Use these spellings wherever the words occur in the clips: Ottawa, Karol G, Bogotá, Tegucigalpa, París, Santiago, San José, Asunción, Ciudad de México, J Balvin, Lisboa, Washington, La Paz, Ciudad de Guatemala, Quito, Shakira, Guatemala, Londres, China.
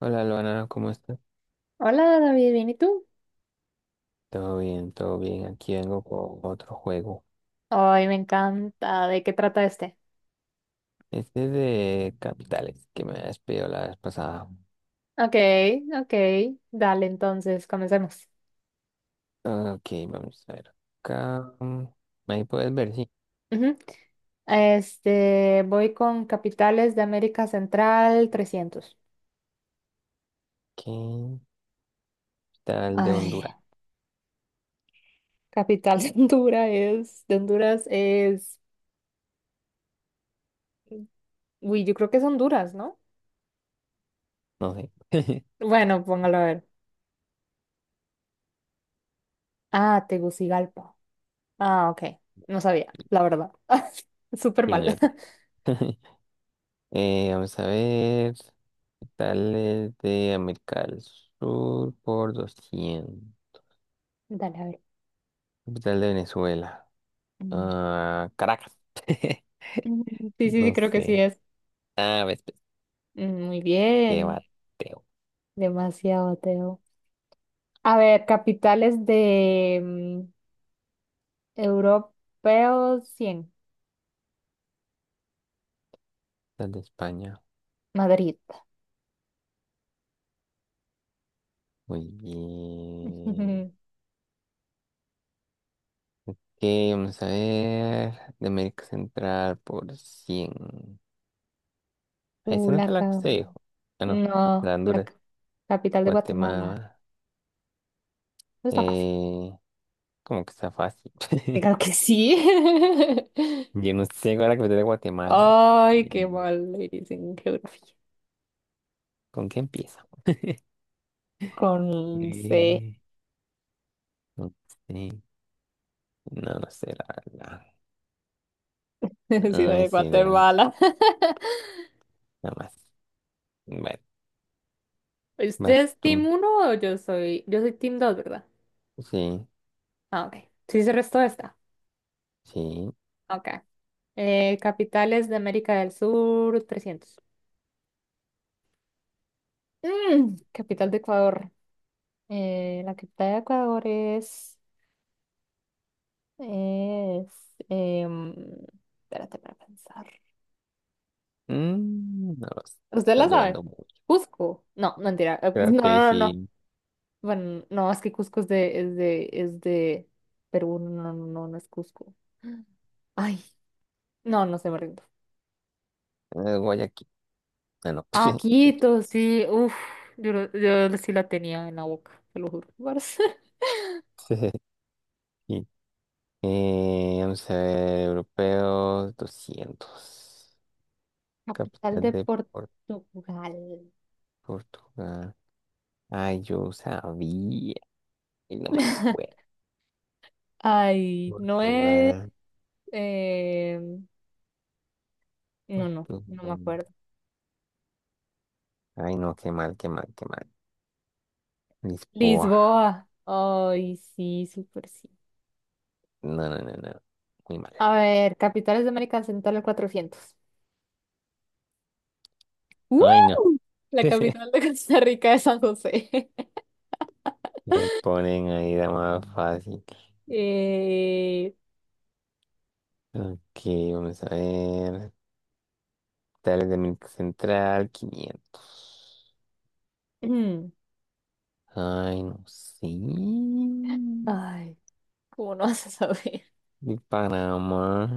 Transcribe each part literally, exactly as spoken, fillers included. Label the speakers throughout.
Speaker 1: Hola, Luana, ¿cómo estás?
Speaker 2: Hola David, ¿bien y tú?
Speaker 1: Todo bien, todo bien. Aquí vengo con otro juego.
Speaker 2: Ay, me encanta. ¿De qué trata este?
Speaker 1: Este es de capitales que me has pedido la vez pasada.
Speaker 2: Ok, ok. Dale, entonces, comencemos.
Speaker 1: Ok, vamos a ver. Acá, mm, ahí puedes ver, sí.
Speaker 2: Ujú. Este, voy con capitales de América Central trescientos.
Speaker 1: ¿Qué tal de
Speaker 2: Ay,
Speaker 1: Honduras?
Speaker 2: capital de Honduras es, de Honduras es, uy, yo creo que es Honduras, ¿no?
Speaker 1: No sé.
Speaker 2: Bueno, póngalo a ver. Ah, Tegucigalpa. Ah, ok. No sabía, la verdad. Súper
Speaker 1: Y
Speaker 2: mal.
Speaker 1: no, yo tampoco. Eh, vamos a ver. ¿Qué tal es de América del Sur por doscientos?
Speaker 2: Dale, a ver.
Speaker 1: Capital de Venezuela.
Speaker 2: Mm.
Speaker 1: Ah, Caracas.
Speaker 2: Mm, sí, sí, sí,
Speaker 1: No
Speaker 2: creo que sí
Speaker 1: sé.
Speaker 2: es.
Speaker 1: Ah, ves, pues,
Speaker 2: Mm, Muy
Speaker 1: qué
Speaker 2: bien,
Speaker 1: bate.
Speaker 2: demasiado, Teo. A ver, capitales de mm, europeos cien.
Speaker 1: Las de España.
Speaker 2: Madrid.
Speaker 1: Muy bien. Ok, vamos a ver. De América Central por cien. Ah,
Speaker 2: Uh,
Speaker 1: esa no
Speaker 2: la
Speaker 1: fue la que
Speaker 2: ca-
Speaker 1: usted dijo. Ah, no. La
Speaker 2: No,
Speaker 1: de
Speaker 2: la ca-
Speaker 1: Honduras.
Speaker 2: capital de Guatemala.
Speaker 1: Guatemala.
Speaker 2: No está fácil.
Speaker 1: Eh, Como que está fácil.
Speaker 2: Claro que sí.
Speaker 1: Yo no sé cuál es la capital de Guatemala.
Speaker 2: Ay,
Speaker 1: Eh,
Speaker 2: qué mal le dicen geografía.
Speaker 1: ¿Con qué empieza?
Speaker 2: Con C,
Speaker 1: Eh, no sé. No lo sé, la verdad.
Speaker 2: Ciudad
Speaker 1: Ay,
Speaker 2: de
Speaker 1: sí, no.
Speaker 2: Guatemala.
Speaker 1: Nada más. Bueno,
Speaker 2: ¿Usted
Speaker 1: vas
Speaker 2: es
Speaker 1: tú.
Speaker 2: Team uno o yo soy? Yo soy Team dos, ¿verdad?
Speaker 1: Sí,
Speaker 2: Ah, ok. Sí, se restó esta.
Speaker 1: sí.
Speaker 2: Ok. Eh, capitales de América del Sur, trescientos. Mm, capital de Ecuador. Eh, la capital de Ecuador es... es em, espérate para pensar.
Speaker 1: Mm, no lo sé,
Speaker 2: ¿Usted
Speaker 1: está
Speaker 2: la sabe?
Speaker 1: durando mucho.
Speaker 2: Cusco. No, mentira. Eh,
Speaker 1: Creo
Speaker 2: No,
Speaker 1: que
Speaker 2: no, no, no.
Speaker 1: sí.
Speaker 2: Bueno, no, es que Cusco es de, es de, es de Perú. No, no, no, no es Cusco. Ay, no, no se me rindo.
Speaker 1: eh, Guayaquil. Ah, no.
Speaker 2: Ah,
Speaker 1: Quito.
Speaker 2: Quito, sí. Uf, yo, lo- yo sí la tenía en la boca, te lo juro.
Speaker 1: Sí. Eh, vamos a ver, europeos doscientos.
Speaker 2: Capital
Speaker 1: Capital
Speaker 2: de
Speaker 1: de Por-
Speaker 2: Portugal.
Speaker 1: Portugal. Ay, yo sabía. Y no me acuerdo.
Speaker 2: Ay, no es.
Speaker 1: Portugal.
Speaker 2: eh, no, no,
Speaker 1: Portugal.
Speaker 2: no me acuerdo.
Speaker 1: Ay, no, qué mal, qué mal, qué mal. Lisboa.
Speaker 2: Lisboa. Ay, sí, súper sí.
Speaker 1: No, no, no, no. Muy mal.
Speaker 2: A ver, capitales de América Central el cuatrocientos. ¡Uh!
Speaker 1: Ay, no.
Speaker 2: La capital de Costa Rica es San José.
Speaker 1: Me ponen ahí la más fácil.
Speaker 2: Eh,
Speaker 1: Ok, vamos a ver. Tales de América Central, quinientos.
Speaker 2: mm,
Speaker 1: Ay, no sé.
Speaker 2: ay, ¿cómo no vas a saber?
Speaker 1: De Panamá.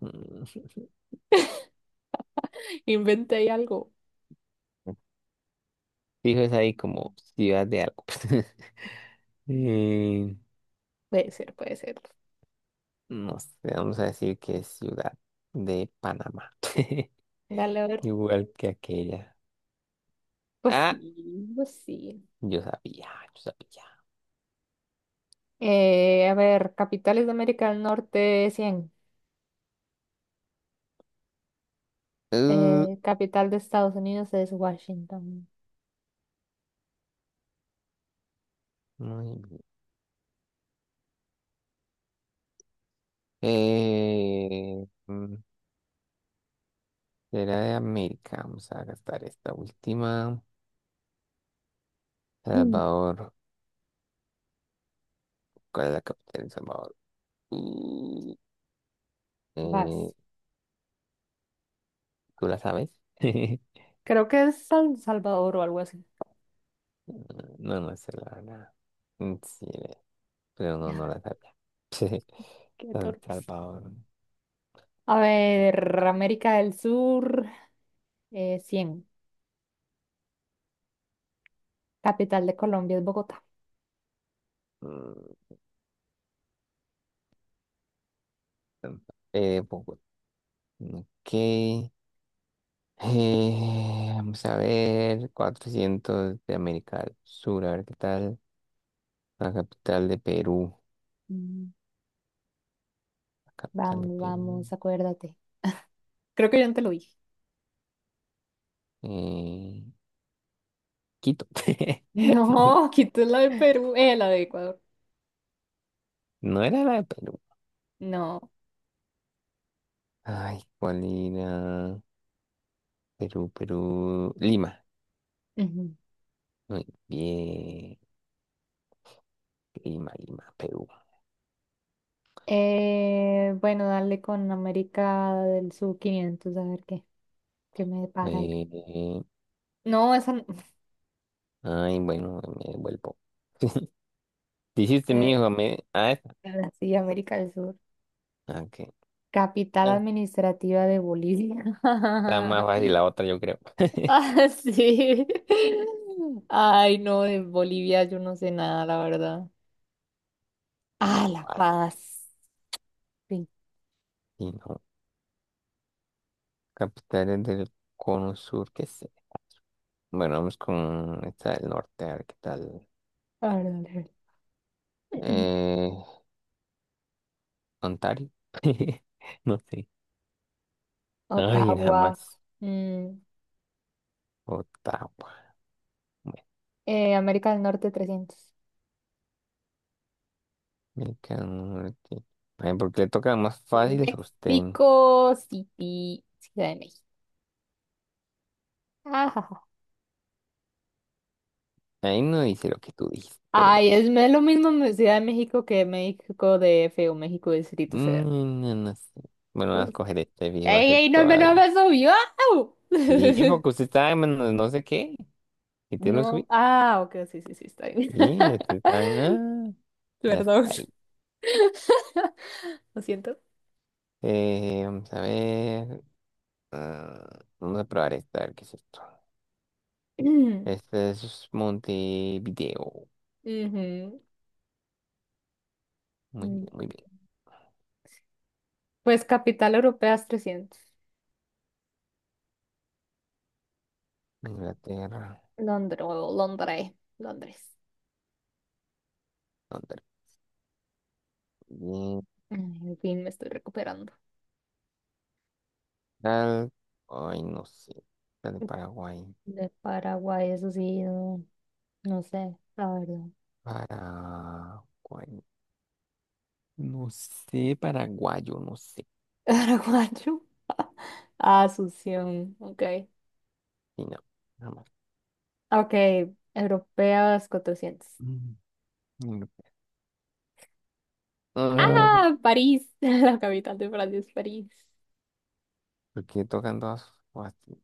Speaker 2: Inventé ahí algo.
Speaker 1: Fijo, es ahí como ciudad de algo. Eh,
Speaker 2: Puede ser, puede ser.
Speaker 1: no sé, vamos a decir que es ciudad de Panamá.
Speaker 2: Dale, a ver.
Speaker 1: Igual que aquella.
Speaker 2: Pues
Speaker 1: Ah,
Speaker 2: sí, pues sí.
Speaker 1: yo sabía, yo sabía.
Speaker 2: Eh, a ver, capitales de América del Norte, cien.
Speaker 1: Uh,
Speaker 2: Eh, capital de Estados Unidos es Washington.
Speaker 1: muy bien. Eh, mm, Era de América. Vamos a gastar esta última.
Speaker 2: Mm,
Speaker 1: Salvador. ¿Cuál es la capital de Salvador? Uh, eh,
Speaker 2: Vas.
Speaker 1: ¿tú la sabes?
Speaker 2: Creo que es San Salvador o algo así.
Speaker 1: No, no sé la verdad. Mm, Sí, eh, pero no, no la sabía. Sí.
Speaker 2: Qué
Speaker 1: San
Speaker 2: torpes.
Speaker 1: Salvador.
Speaker 2: A ver,
Speaker 1: Toca.
Speaker 2: América del Sur, eh, cien. Capital de Colombia es Bogotá.
Speaker 1: Mm, San- Eh, Bogotá. Ok. Eh, vamos a ver. Cuatrocientos de América del Sur. A ver qué tal. La capital de Perú.
Speaker 2: Mm,
Speaker 1: La capital de
Speaker 2: Vamos,
Speaker 1: Perú.
Speaker 2: vamos, acuérdate. Creo que yo antes lo dije.
Speaker 1: Eh, Quito.
Speaker 2: No, quito la de Perú, eh, la de Ecuador.
Speaker 1: No era la de Perú.
Speaker 2: No.
Speaker 1: Ay, ¿cuál era? Perú, Perú. Lima.
Speaker 2: Ujú.
Speaker 1: Muy bien. Lima, Lima, Perú.
Speaker 2: Eh, bueno, dale con América del Sur quinientos, a ver qué. Que me depara el...
Speaker 1: Eh,
Speaker 2: No, esa no-
Speaker 1: ay, bueno, me devuelvo. Dijiste mi
Speaker 2: eh,
Speaker 1: hijo, me. Ah, esa.
Speaker 2: ahora sí, América del Sur.
Speaker 1: Ah, ok.
Speaker 2: Capital
Speaker 1: Ah,
Speaker 2: administrativa de Bolivia.
Speaker 1: está más fácil la otra, yo creo.
Speaker 2: Ah, sí. Ay, no, de Bolivia yo no sé nada, la verdad.
Speaker 1: La
Speaker 2: Ah, La
Speaker 1: Paz.
Speaker 2: Paz. Sí.
Speaker 1: Y no. Capitales del cono sur, qué sé. Bueno, vamos con esta del norte, a ver qué tal.
Speaker 2: A ver, dale, dale.
Speaker 1: Eh, Ontario. No sé. Ay,
Speaker 2: Ottawa.
Speaker 1: jamás.
Speaker 2: Mm,
Speaker 1: Más.
Speaker 2: eh, América del Norte trescientos.
Speaker 1: Me cago en ay, porque le toca más fácil a usted.
Speaker 2: México City, Ciudad de México.
Speaker 1: Ahí no dice lo que tú dices, pero bueno.
Speaker 2: Ay, es, me- lo mismo en Ciudad de México que México D F o México Distrito Federal.
Speaker 1: mm, no, no sé. Bueno, voy a escoger este viejo a
Speaker 2: ¡Ey,
Speaker 1: hacer
Speaker 2: ey, no me,
Speaker 1: toda.
Speaker 2: no me subió!
Speaker 1: Sí, porque usted está en menos no sé qué. Y te lo
Speaker 2: No,
Speaker 1: subí.
Speaker 2: ah, ok, sí, sí, sí, está bien.
Speaker 1: Sí, este está. ah, ya está
Speaker 2: Perdón,
Speaker 1: ahí.
Speaker 2: lo siento.
Speaker 1: Eh, vamos a ver. Ah, vamos a probar esta, a ver qué es esto.
Speaker 2: Ujú.
Speaker 1: Este es Montevideo. Muy bien,
Speaker 2: Mm,
Speaker 1: muy bien.
Speaker 2: Pues capital europea es trescientos.
Speaker 1: Inglaterra.
Speaker 2: Londres, Londres, Londres.
Speaker 1: Londres. Bien.
Speaker 2: Ay, en fin, me estoy recuperando.
Speaker 1: Tal, ay, no sé. La de Paraguay.
Speaker 2: De Paraguay, eso sí, no, no sé, la verdad.
Speaker 1: Paraguay. No sé, paraguayo, no sé.
Speaker 2: Paraguayo. Asunción, ok.
Speaker 1: Sí, no, nada más.
Speaker 2: Ah, ok, europeas cuatrocientos.
Speaker 1: Mm, no. Ah,
Speaker 2: Ah, París, la capital de Francia es París.
Speaker 1: ¿por qué tocan todas fácil?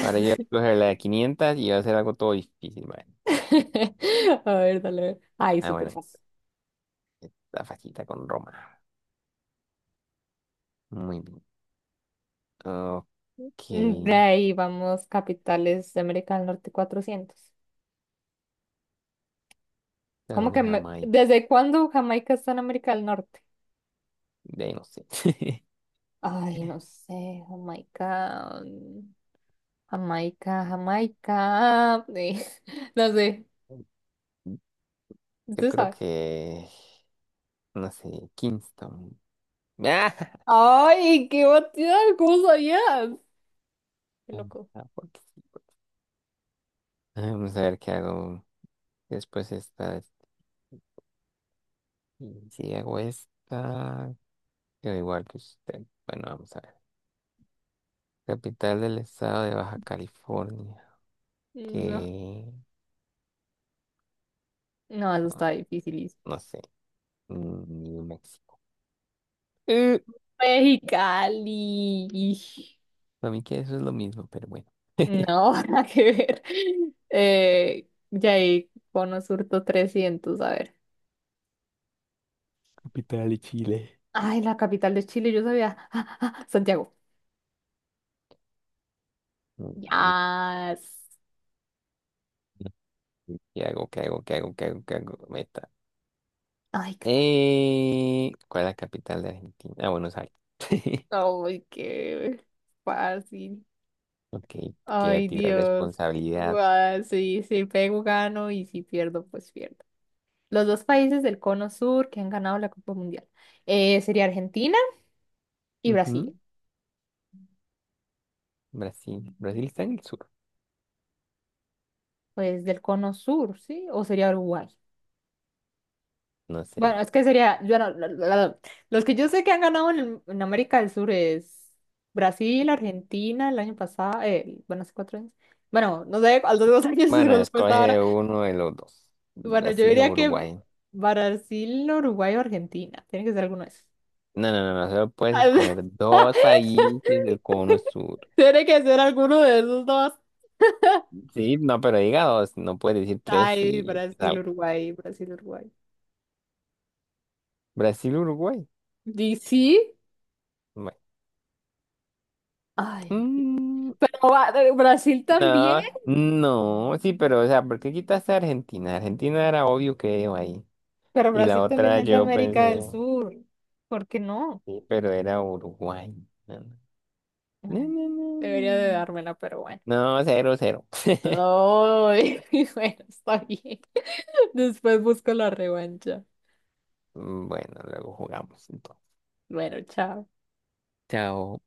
Speaker 1: Ahora yo voy a escoger la de quinientos y va a hacer algo todo difícil, ¿vale?
Speaker 2: A ver, dale. Ay,
Speaker 1: Ah,
Speaker 2: súper
Speaker 1: bueno,
Speaker 2: fácil.
Speaker 1: la facilita con Roma. Muy bien. Ok.
Speaker 2: Mm, De ahí vamos, capitales de América del Norte cuatrocientos.
Speaker 1: Tal
Speaker 2: ¿Cómo
Speaker 1: de
Speaker 2: que me-
Speaker 1: Jamaica.
Speaker 2: desde cuándo Jamaica está en América del Norte?
Speaker 1: De ahí no sé.
Speaker 2: Ay, no sé, Jamaica, mm, Jamaica, Jamaica. eh, No sé,
Speaker 1: Yo
Speaker 2: usted
Speaker 1: creo
Speaker 2: sabe.
Speaker 1: que, no sé, Kingston.
Speaker 2: Ay, qué batida, ¿cómo sabías? Qué loco.
Speaker 1: Ah, porque sí. Vamos a ver qué hago después esta. Y si hago esta, quedo igual que usted. Bueno, vamos a ver. Capital del estado de Baja California.
Speaker 2: No.
Speaker 1: Que
Speaker 2: No, eso está
Speaker 1: ah,
Speaker 2: dificilísimo.
Speaker 1: no sé. Mm, New México. Eh,
Speaker 2: Mexicali.
Speaker 1: para mí que eso es lo mismo, pero bueno.
Speaker 2: No, nada que ver. Eh, ya ahí, Cono Surto trescientos, a ver.
Speaker 1: Capital de Chile.
Speaker 2: Ay, la capital de Chile, yo sabía. Ah, ah, Santiago.
Speaker 1: Mm, mm,
Speaker 2: Yas.
Speaker 1: mm. ¿Qué hago? ¿Qué hago? ¿Qué hago? ¿Qué hago? ¿Qué hago? Meta.
Speaker 2: Ay, qué fácil.
Speaker 1: Eh, ¿cuál es la capital de Argentina? Ah, Buenos Aires.
Speaker 2: Ay, qué fácil.
Speaker 1: Ok, te queda a
Speaker 2: Ay,
Speaker 1: ti la
Speaker 2: Dios.
Speaker 1: responsabilidad.
Speaker 2: Guau, sí, si pego, gano y si pierdo, pues pierdo. Los dos países del Cono Sur que han ganado la Copa Mundial eh, sería Argentina y Brasil.
Speaker 1: Brasil. Brasil está en el sur.
Speaker 2: Pues del cono sur, ¿sí? ¿O sería Uruguay?
Speaker 1: No sé.
Speaker 2: Bueno, es que sería, yo no- la- la- la- los que yo sé que han ganado en, el- en América del Sur es Brasil, Argentina, el año pasado, eh, bueno, hace cuatro años. Bueno, no sé, a los dos años se
Speaker 1: Bueno,
Speaker 2: golpeó esta ahora.
Speaker 1: escoge uno de los dos.
Speaker 2: Bueno, yo
Speaker 1: Brasil o
Speaker 2: diría que
Speaker 1: Uruguay.
Speaker 2: Brasil, Uruguay o Argentina. Tiene que ser alguno de esos.
Speaker 1: No, no, no, no. Solo puedes escoger dos países del cono sur.
Speaker 2: Tiene que ser alguno de esos dos.
Speaker 1: Sí, no, pero diga dos. No puedes decir tres
Speaker 2: Ay,
Speaker 1: y
Speaker 2: Brasil,
Speaker 1: sal.
Speaker 2: Uruguay, Brasil, Uruguay.
Speaker 1: Brasil, Uruguay.
Speaker 2: ¿Y sí?
Speaker 1: Bueno.
Speaker 2: Ay,
Speaker 1: Mm,
Speaker 2: pero va- eh, Brasil también.
Speaker 1: no, no. Sí, pero, o sea, ¿por qué quitaste a Argentina? Argentina era obvio que iba ahí.
Speaker 2: Pero
Speaker 1: Y la
Speaker 2: Brasil también
Speaker 1: otra
Speaker 2: es de
Speaker 1: yo
Speaker 2: América
Speaker 1: pensé,
Speaker 2: del Sur. ¿Por qué no?
Speaker 1: sí, pero era Uruguay. No, no,
Speaker 2: Ay,
Speaker 1: no, no. No,
Speaker 2: debería de dármela, pero bueno.
Speaker 1: no, no, no, cero, cero.
Speaker 2: Ay, bueno, está bien. Después busco la revancha.
Speaker 1: Mm, bueno, luego jugamos entonces.
Speaker 2: Bueno, chao.
Speaker 1: Chao.